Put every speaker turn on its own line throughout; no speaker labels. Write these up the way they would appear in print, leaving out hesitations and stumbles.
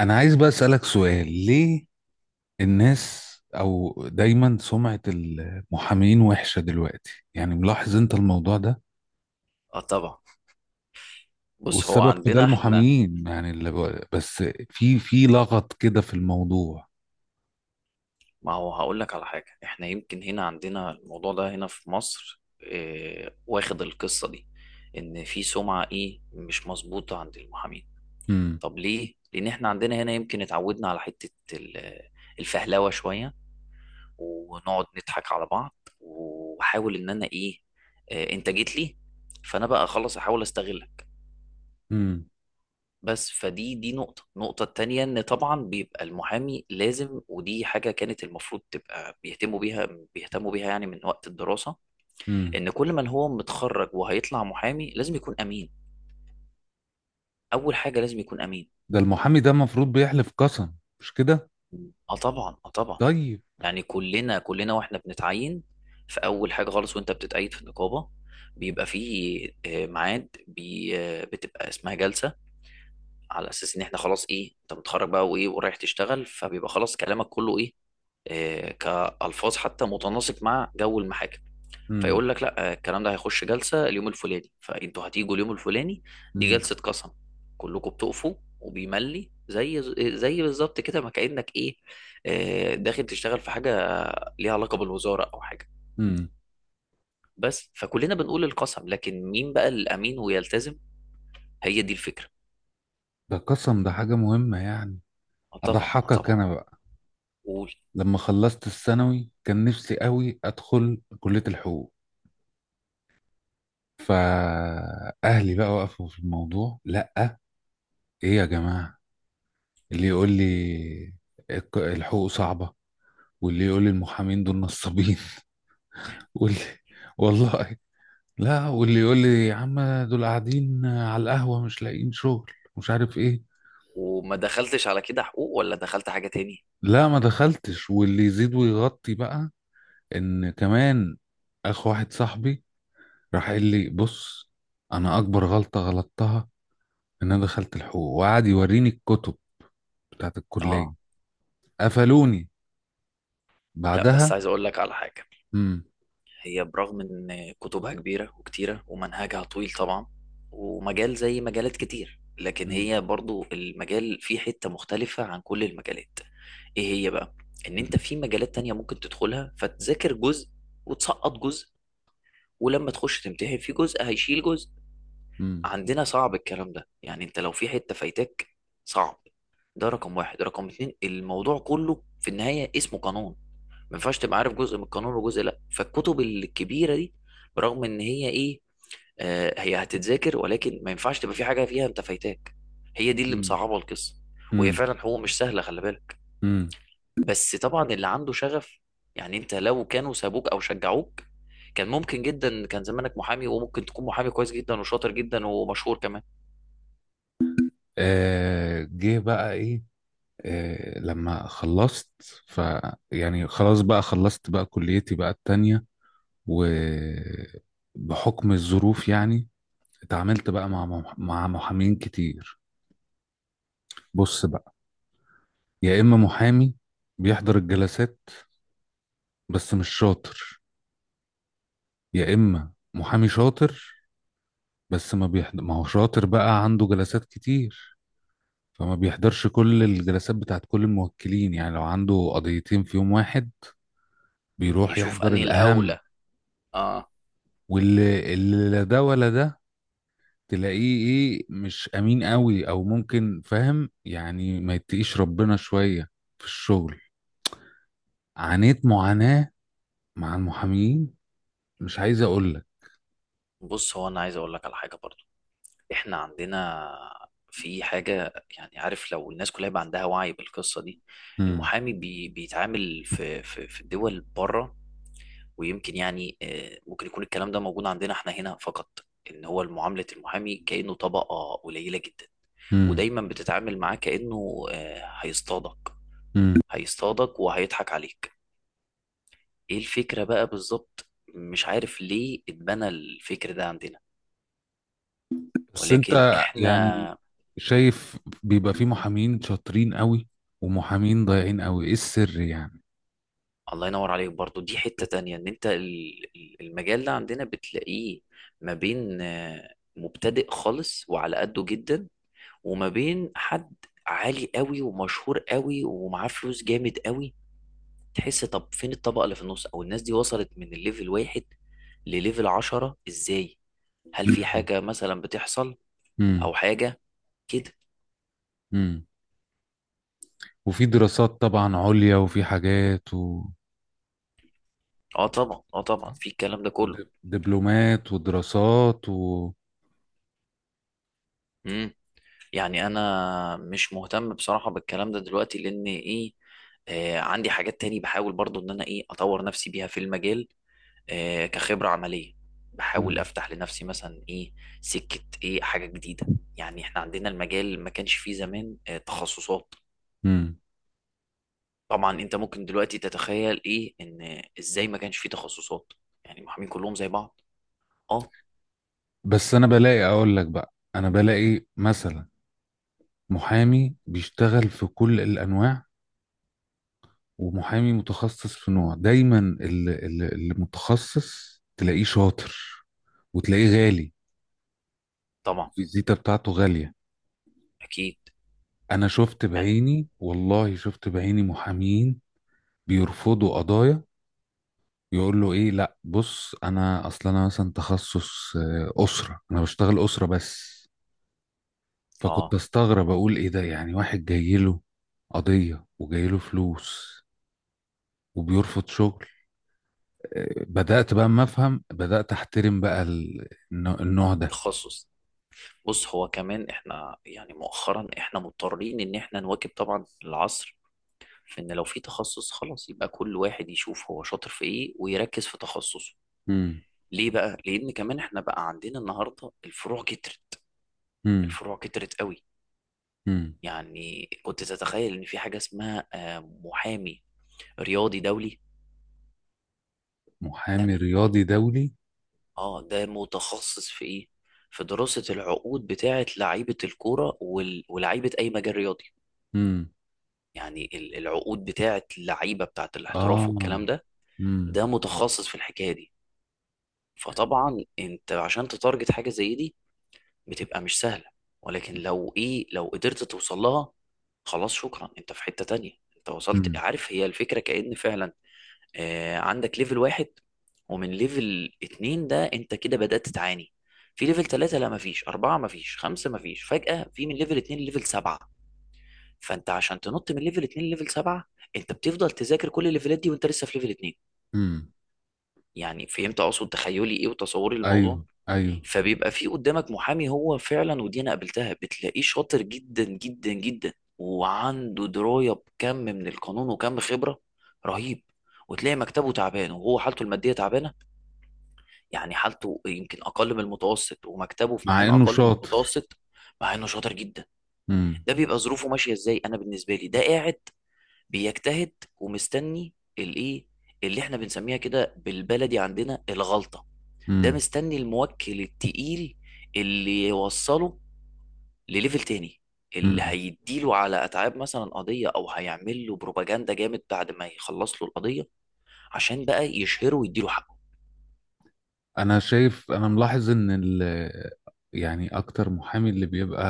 انا عايز بقى اسالك سؤال. ليه الناس او دايما سمعة المحامين وحشة دلوقتي؟ يعني ملاحظ انت الموضوع ده.
اه، طبعا. بص، هو
والسبب في ده
عندنا احنا.
المحامين، يعني اللي بس في لغط كده في الموضوع.
ما هو هقول لك على حاجه. احنا يمكن هنا عندنا الموضوع ده هنا في مصر، واخد القصه دي، ان في سمعه ايه مش مظبوطه عند المحامين.
امم.
طب ليه؟ لان احنا عندنا هنا يمكن اتعودنا على حته الفهلوه شويه، ونقعد نضحك على بعض، واحاول ان انا ايه، اه انت جيت لي، فانا بقى خلاص احاول استغلك.
امم.
بس فدي دي نقطة. النقطة التانية إن طبعا بيبقى المحامي لازم، ودي حاجة كانت المفروض تبقى بيهتموا بيها، بيهتموا بيها يعني من وقت الدراسة،
امم.
إن كل من هو متخرج وهيطلع محامي لازم يكون أمين. أول حاجة لازم يكون أمين.
ده المحامي ده المفروض بيحلف قسم، مش كده؟
اه طبعا، اه طبعا.
طيب.
يعني كلنا، كلنا واحنا بنتعين في اول حاجه خالص، وانت بتتقيد في النقابه، بيبقى فيه ميعاد بي آه، بتبقى اسمها جلسه، على اساس ان احنا خلاص ايه، انت متخرج بقى وايه ورايح تشتغل، فبيبقى خلاص كلامك كله ايه، كألفاظ حتى متناسق مع جو المحاكم.
امم.
فيقول لك لا الكلام ده هيخش جلسة اليوم الفلاني، فانتوا هتيجوا اليوم الفلاني، دي
امم.
جلسة قسم، كلكم بتقفوا، وبيملي زي بالظبط كده، ما كأنك ايه، داخل تشتغل في حاجة ليها علاقة بالوزارة او حاجة.
امم.
بس، فكلنا بنقول القسم، لكن مين بقى الامين ويلتزم؟ هي دي الفكرة.
ده قسم، ده حاجة مهمة يعني.
طبعا،
اضحكك
طبعا.
انا بقى.
قول.
لما خلصت الثانوي كان نفسي قوي ادخل كلية الحقوق، فأهلي بقى وقفوا في الموضوع. لأ، إيه يا جماعة؟ اللي يقول لي الحقوق صعبة، واللي يقول لي المحامين دول نصابين، واللي والله، لا، واللي يقول لي يا عم دول قاعدين على القهوة مش لاقيين شغل مش عارف إيه.
وما دخلتش على كده حقوق، ولا دخلت حاجة تاني.
لا، ما دخلتش. واللي يزيد ويغطي بقى إن كمان، أخ واحد صاحبي راح قال لي بص، أنا أكبر غلطة غلطتها إن أنا دخلت الحقوق، وقعد يوريني الكتب بتاعت الكلية.
اه،
قفلوني
لا بس
بعدها.
عايز اقول لك على حاجة.
مم.
هي برغم ان كتبها كبيره وكتيره ومنهجها طويل طبعا، ومجال زي مجالات كتير، لكن
مم.
هي برضو المجال فيه حته مختلفه عن كل المجالات. ايه هي بقى؟ ان
مم.
انت في مجالات تانية ممكن تدخلها فتذاكر جزء، وتسقط جزء، ولما تخش تمتحن في جزء هيشيل جزء. عندنا صعب الكلام ده، يعني انت لو في حتة فايتاك صعب. ده رقم واحد. رقم اتنين، الموضوع كله في النهاية اسمه قانون، ما ينفعش تبقى عارف جزء من القانون وجزء لا. فالكتب الكبيره دي برغم ان هي ايه، آه هي هتتذاكر، ولكن ما ينفعش تبقى في حاجه فيها انت فايتاك. هي دي اللي
مم.
مصعبه القصه. وهي
مم.
فعلا حقوق مش سهله، خلي بالك.
مم.
بس طبعا اللي عنده شغف، يعني انت لو كانوا سابوك او شجعوك، كان ممكن جدا كان زمانك محامي، وممكن تكون محامي كويس جدا، وشاطر جدا، ومشهور كمان.
آه، جه بقى ايه؟ آه، لما خلصت، ف يعني خلاص بقى خلصت بقى كليتي بقى التانية، وبحكم الظروف يعني اتعاملت بقى مع مع محامين كتير. بص بقى، يا اما محامي بيحضر الجلسات بس مش شاطر، يا اما محامي شاطر بس ما بيحضر. ما هو شاطر بقى عنده جلسات كتير، فما بيحضرش كل الجلسات بتاعت كل الموكلين. يعني لو عنده قضيتين في يوم واحد بيروح
يشوف
يحضر
انهي
الأهم.
الاولى. اه.
واللي لا ده ولا ده، تلاقيه ايه، مش أمين قوي، أو ممكن فاهم يعني ما يتقيش ربنا شوية في الشغل. عانيت معاناة مع المحامين، مش عايز أقول لك.
بص، هو انا عايز اقول لك على حاجه برضه. احنا عندنا في حاجة، يعني عارف لو الناس كلها يبقى عندها وعي بالقصة دي.
مم.
المحامي بيتعامل في الدول بره، ويمكن يعني ممكن يكون الكلام ده موجود عندنا احنا هنا فقط، ان هو معاملة المحامي كأنه طبقة قليلة جدا،
مم.
ودايما بتتعامل معاه كأنه هيصطادك.
مم.
هيصطادك وهيضحك عليك. ايه الفكرة بقى بالظبط؟ مش عارف ليه اتبنى الفكر ده عندنا،
بس
ولكن
أنت يعني
احنا،
شايف بيبقى في محامين شاطرين قوي، ومحامين ضايعين قوي، ايه السر يعني؟
الله ينور عليك برضو، دي حتة تانية ان انت المجال ده عندنا بتلاقيه ما بين مبتدئ خالص وعلى قده جدا، وما بين حد عالي قوي ومشهور قوي ومعاه فلوس جامد قوي. تحس طب فين الطبقة اللي في النص؟ او الناس دي وصلت من الليفل واحد لليفل عشرة ازاي؟ هل في
مم.
حاجة مثلا بتحصل
مم.
او حاجة كده؟
مم. وفي دراسات طبعا عليا، وفي حاجات و...
اه طبعا، اه طبعا، في الكلام ده كله.
ودبلومات ودراسات و...
يعني انا مش مهتم بصراحة بالكلام ده دلوقتي لان ايه، آه عندي حاجات تاني بحاول برضو ان انا ايه اطور نفسي بيها في المجال، آه كخبرة عملية. بحاول
مم.
افتح لنفسي مثلا ايه، سكة ايه، حاجة جديدة. يعني احنا عندنا المجال ما كانش فيه زمان آه تخصصات.
مم.
طبعا انت ممكن دلوقتي تتخيل ايه ان ازاي ما كانش فيه تخصصات، يعني المحامين كلهم زي بعض. اه.
بس انا بلاقي، اقول لك بقى، انا بلاقي مثلا محامي بيشتغل في كل الانواع، ومحامي متخصص في نوع. دايما اللي متخصص تلاقيه شاطر وتلاقيه غالي.
طبعا.
الفيزيتا بتاعته غالية.
اكيد.
انا شفت
يعني
بعيني، والله شفت بعيني، محامين بيرفضوا قضايا. يقول له ايه؟ لا بص، انا اصلا انا مثلا تخصص اسره، انا بشتغل اسره بس. فكنت
اه.
استغرب اقول ايه ده؟ يعني واحد جاي له قضيه وجاي له فلوس وبيرفض شغل. بدات بقى اما افهم، بدات احترم بقى النوع ده.
تخصص. بص، هو كمان احنا يعني مؤخرا احنا مضطرين ان احنا نواكب طبعا العصر، في ان لو في تخصص خلاص يبقى كل واحد يشوف هو شاطر في ايه، ويركز في تخصصه.
امم.
ليه بقى؟ لان كمان احنا بقى عندنا النهارده الفروع كترت.
امم.
الفروع كترت قوي.
امم.
يعني كنت تتخيل ان في حاجه اسمها محامي رياضي دولي؟ لا.
محامي رياضي دولي؟
اه، ده متخصص في ايه؟ في دراسه العقود بتاعه لعيبه الكوره ولاعيبه اي مجال رياضي.
امم.
يعني العقود بتاعه اللعيبه بتاعه الاحتراف
اه.
والكلام ده،
امم.
ده متخصص في الحكايه دي. فطبعا انت عشان تتارجت حاجه زي دي، بتبقى مش سهله، ولكن لو ايه، لو قدرت توصل لها خلاص شكرا، انت في حته تانية. انت وصلت
امم.
عارف هي الفكره، كأن فعلا آه عندك ليفل واحد، ومن ليفل اتنين ده انت كده بدأت تعاني. في ليفل تلاتة لا، مفيش أربعة، مفيش خمسة، مفيش، فجأة في من ليفل اتنين ليفل سبعة. فانت عشان تنط من ليفل 2 لليفل 7، انت بتفضل تذاكر كل الليفلات دي وانت لسه في ليفل 2.
امم.
يعني فهمت اقصد؟ تخيلي ايه وتصوري للموضوع.
ايوه، ايوه.
فبيبقى في قدامك محامي هو فعلا، ودي انا قابلتها، بتلاقيه شاطر جدا جدا جدا، وعنده درايه بكم من القانون، وكم خبره رهيب، وتلاقي مكتبه تعبان، وهو حالته الماديه تعبانه، يعني حالته يمكن اقل من المتوسط، ومكتبه في
مع
مكان
انه
اقل من
شاطر.
المتوسط. مع انه شاطر جدا.
امم.
ده بيبقى ظروفه ماشيه ازاي؟ انا بالنسبه لي، ده قاعد بيجتهد، ومستني الايه، اللي احنا بنسميها كده بالبلدي عندنا الغلطة. ده
امم.
مستني الموكل التقيل، اللي يوصله لليفل تاني، اللي
امم.
هيديله على اتعاب مثلا قضية، او هيعمل له بروباجندا جامد بعد ما يخلص له القضية، عشان بقى يشهره ويديله حقه.
انا ملاحظ ان يعني اكتر محامي اللي بيبقى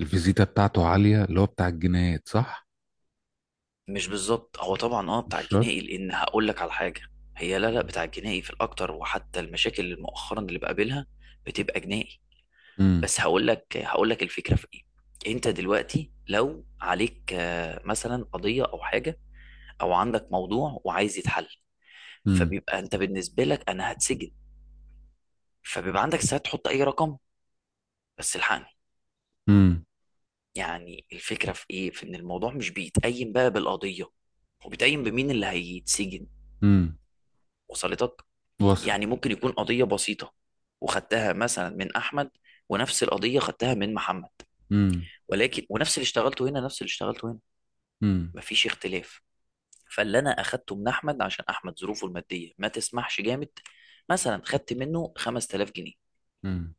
الفيزيتا بتاعته عالية اللي هو بتاع الجنايات، صح؟
مش بالظبط، هو طبعا اه بتاع
مش شرط.
الجنائي، لان هقول لك على حاجة، هي لا لا بتاع الجنائي في الاكتر، وحتى المشاكل اللي مؤخرا اللي بقابلها بتبقى جنائي.
امم.
بس هقول لك الفكره في ايه. انت دلوقتي لو عليك مثلا قضيه او حاجه، او عندك موضوع وعايز يتحل،
امم.
فبيبقى انت بالنسبه لك انا هتسجن، فبيبقى عندك ساعه تحط اي رقم، بس الحقني.
امم.
يعني الفكره في ايه، في ان الموضوع مش بيتقيم بقى بالقضيه، وبيتقيم بمين اللي هيتسجن.
امم.
وصلتك؟
وصل.
يعني ممكن يكون قضيه بسيطه، وخدتها مثلا من احمد، ونفس القضيه خدتها من محمد،
امم.
ولكن ونفس اللي اشتغلته هنا، نفس اللي اشتغلته هنا،
امم.
مفيش اختلاف. فاللي انا اخدته من احمد عشان احمد ظروفه الماديه ما تسمحش جامد، مثلا خدت منه 5000 جنيه،
امم.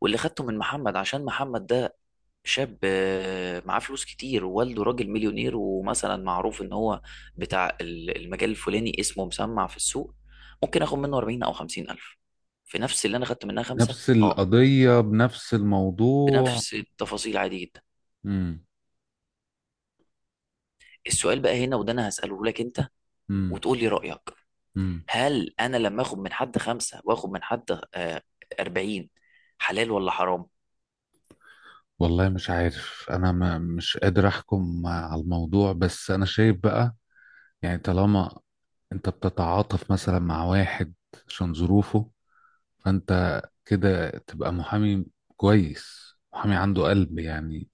واللي خدته من محمد عشان محمد ده شاب معاه فلوس كتير، ووالده راجل مليونير، ومثلا معروف ان هو بتاع المجال الفلاني، اسمه مسمع في السوق، ممكن اخد منه 40 او 50 الف، في نفس اللي انا خدت منها خمسة
نفس
اه،
القضية بنفس الموضوع.
بنفس التفاصيل، عادي جدا.
امم.
السؤال بقى هنا، وده انا هسأله لك انت،
امم.
وتقول لي رأيك،
امم.
هل انا لما اخد من حد خمسة، واخد من حد 40، حلال ولا حرام؟
والله مش عارف، انا ما مش قادر احكم على الموضوع، بس انا شايف بقى. يعني طالما انت بتتعاطف مثلا مع واحد عشان ظروفه، فانت كده تبقى محامي كويس، محامي عنده قلب يعني.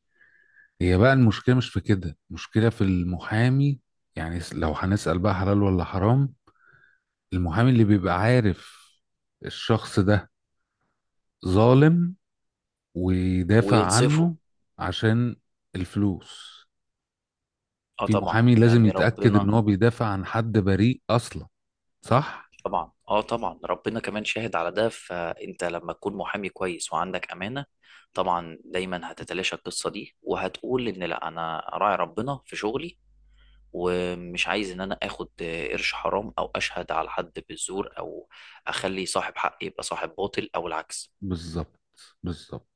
هي بقى المشكلة مش في كده، المشكلة في المحامي. يعني لو هنسأل بقى حلال ولا حرام؟ المحامي اللي بيبقى عارف الشخص ده ظالم ويدافع
وينصفوا.
عنه عشان الفلوس.
اه
في
طبعا،
محامي لازم
يعني
يتأكد ان
ربنا،
هو بيدافع عن حد بريء اصلا، صح؟
طبعا اه طبعا، ربنا كمان شاهد على ده. فانت لما تكون محامي كويس وعندك امانة، طبعا دايما هتتلاشى القصة دي، وهتقول ان لا انا راعي ربنا في شغلي، ومش عايز ان انا اخد قرش حرام، او اشهد على حد بالزور، او اخلي صاحب حق يبقى صاحب باطل او العكس.
بالظبط. بالظبط.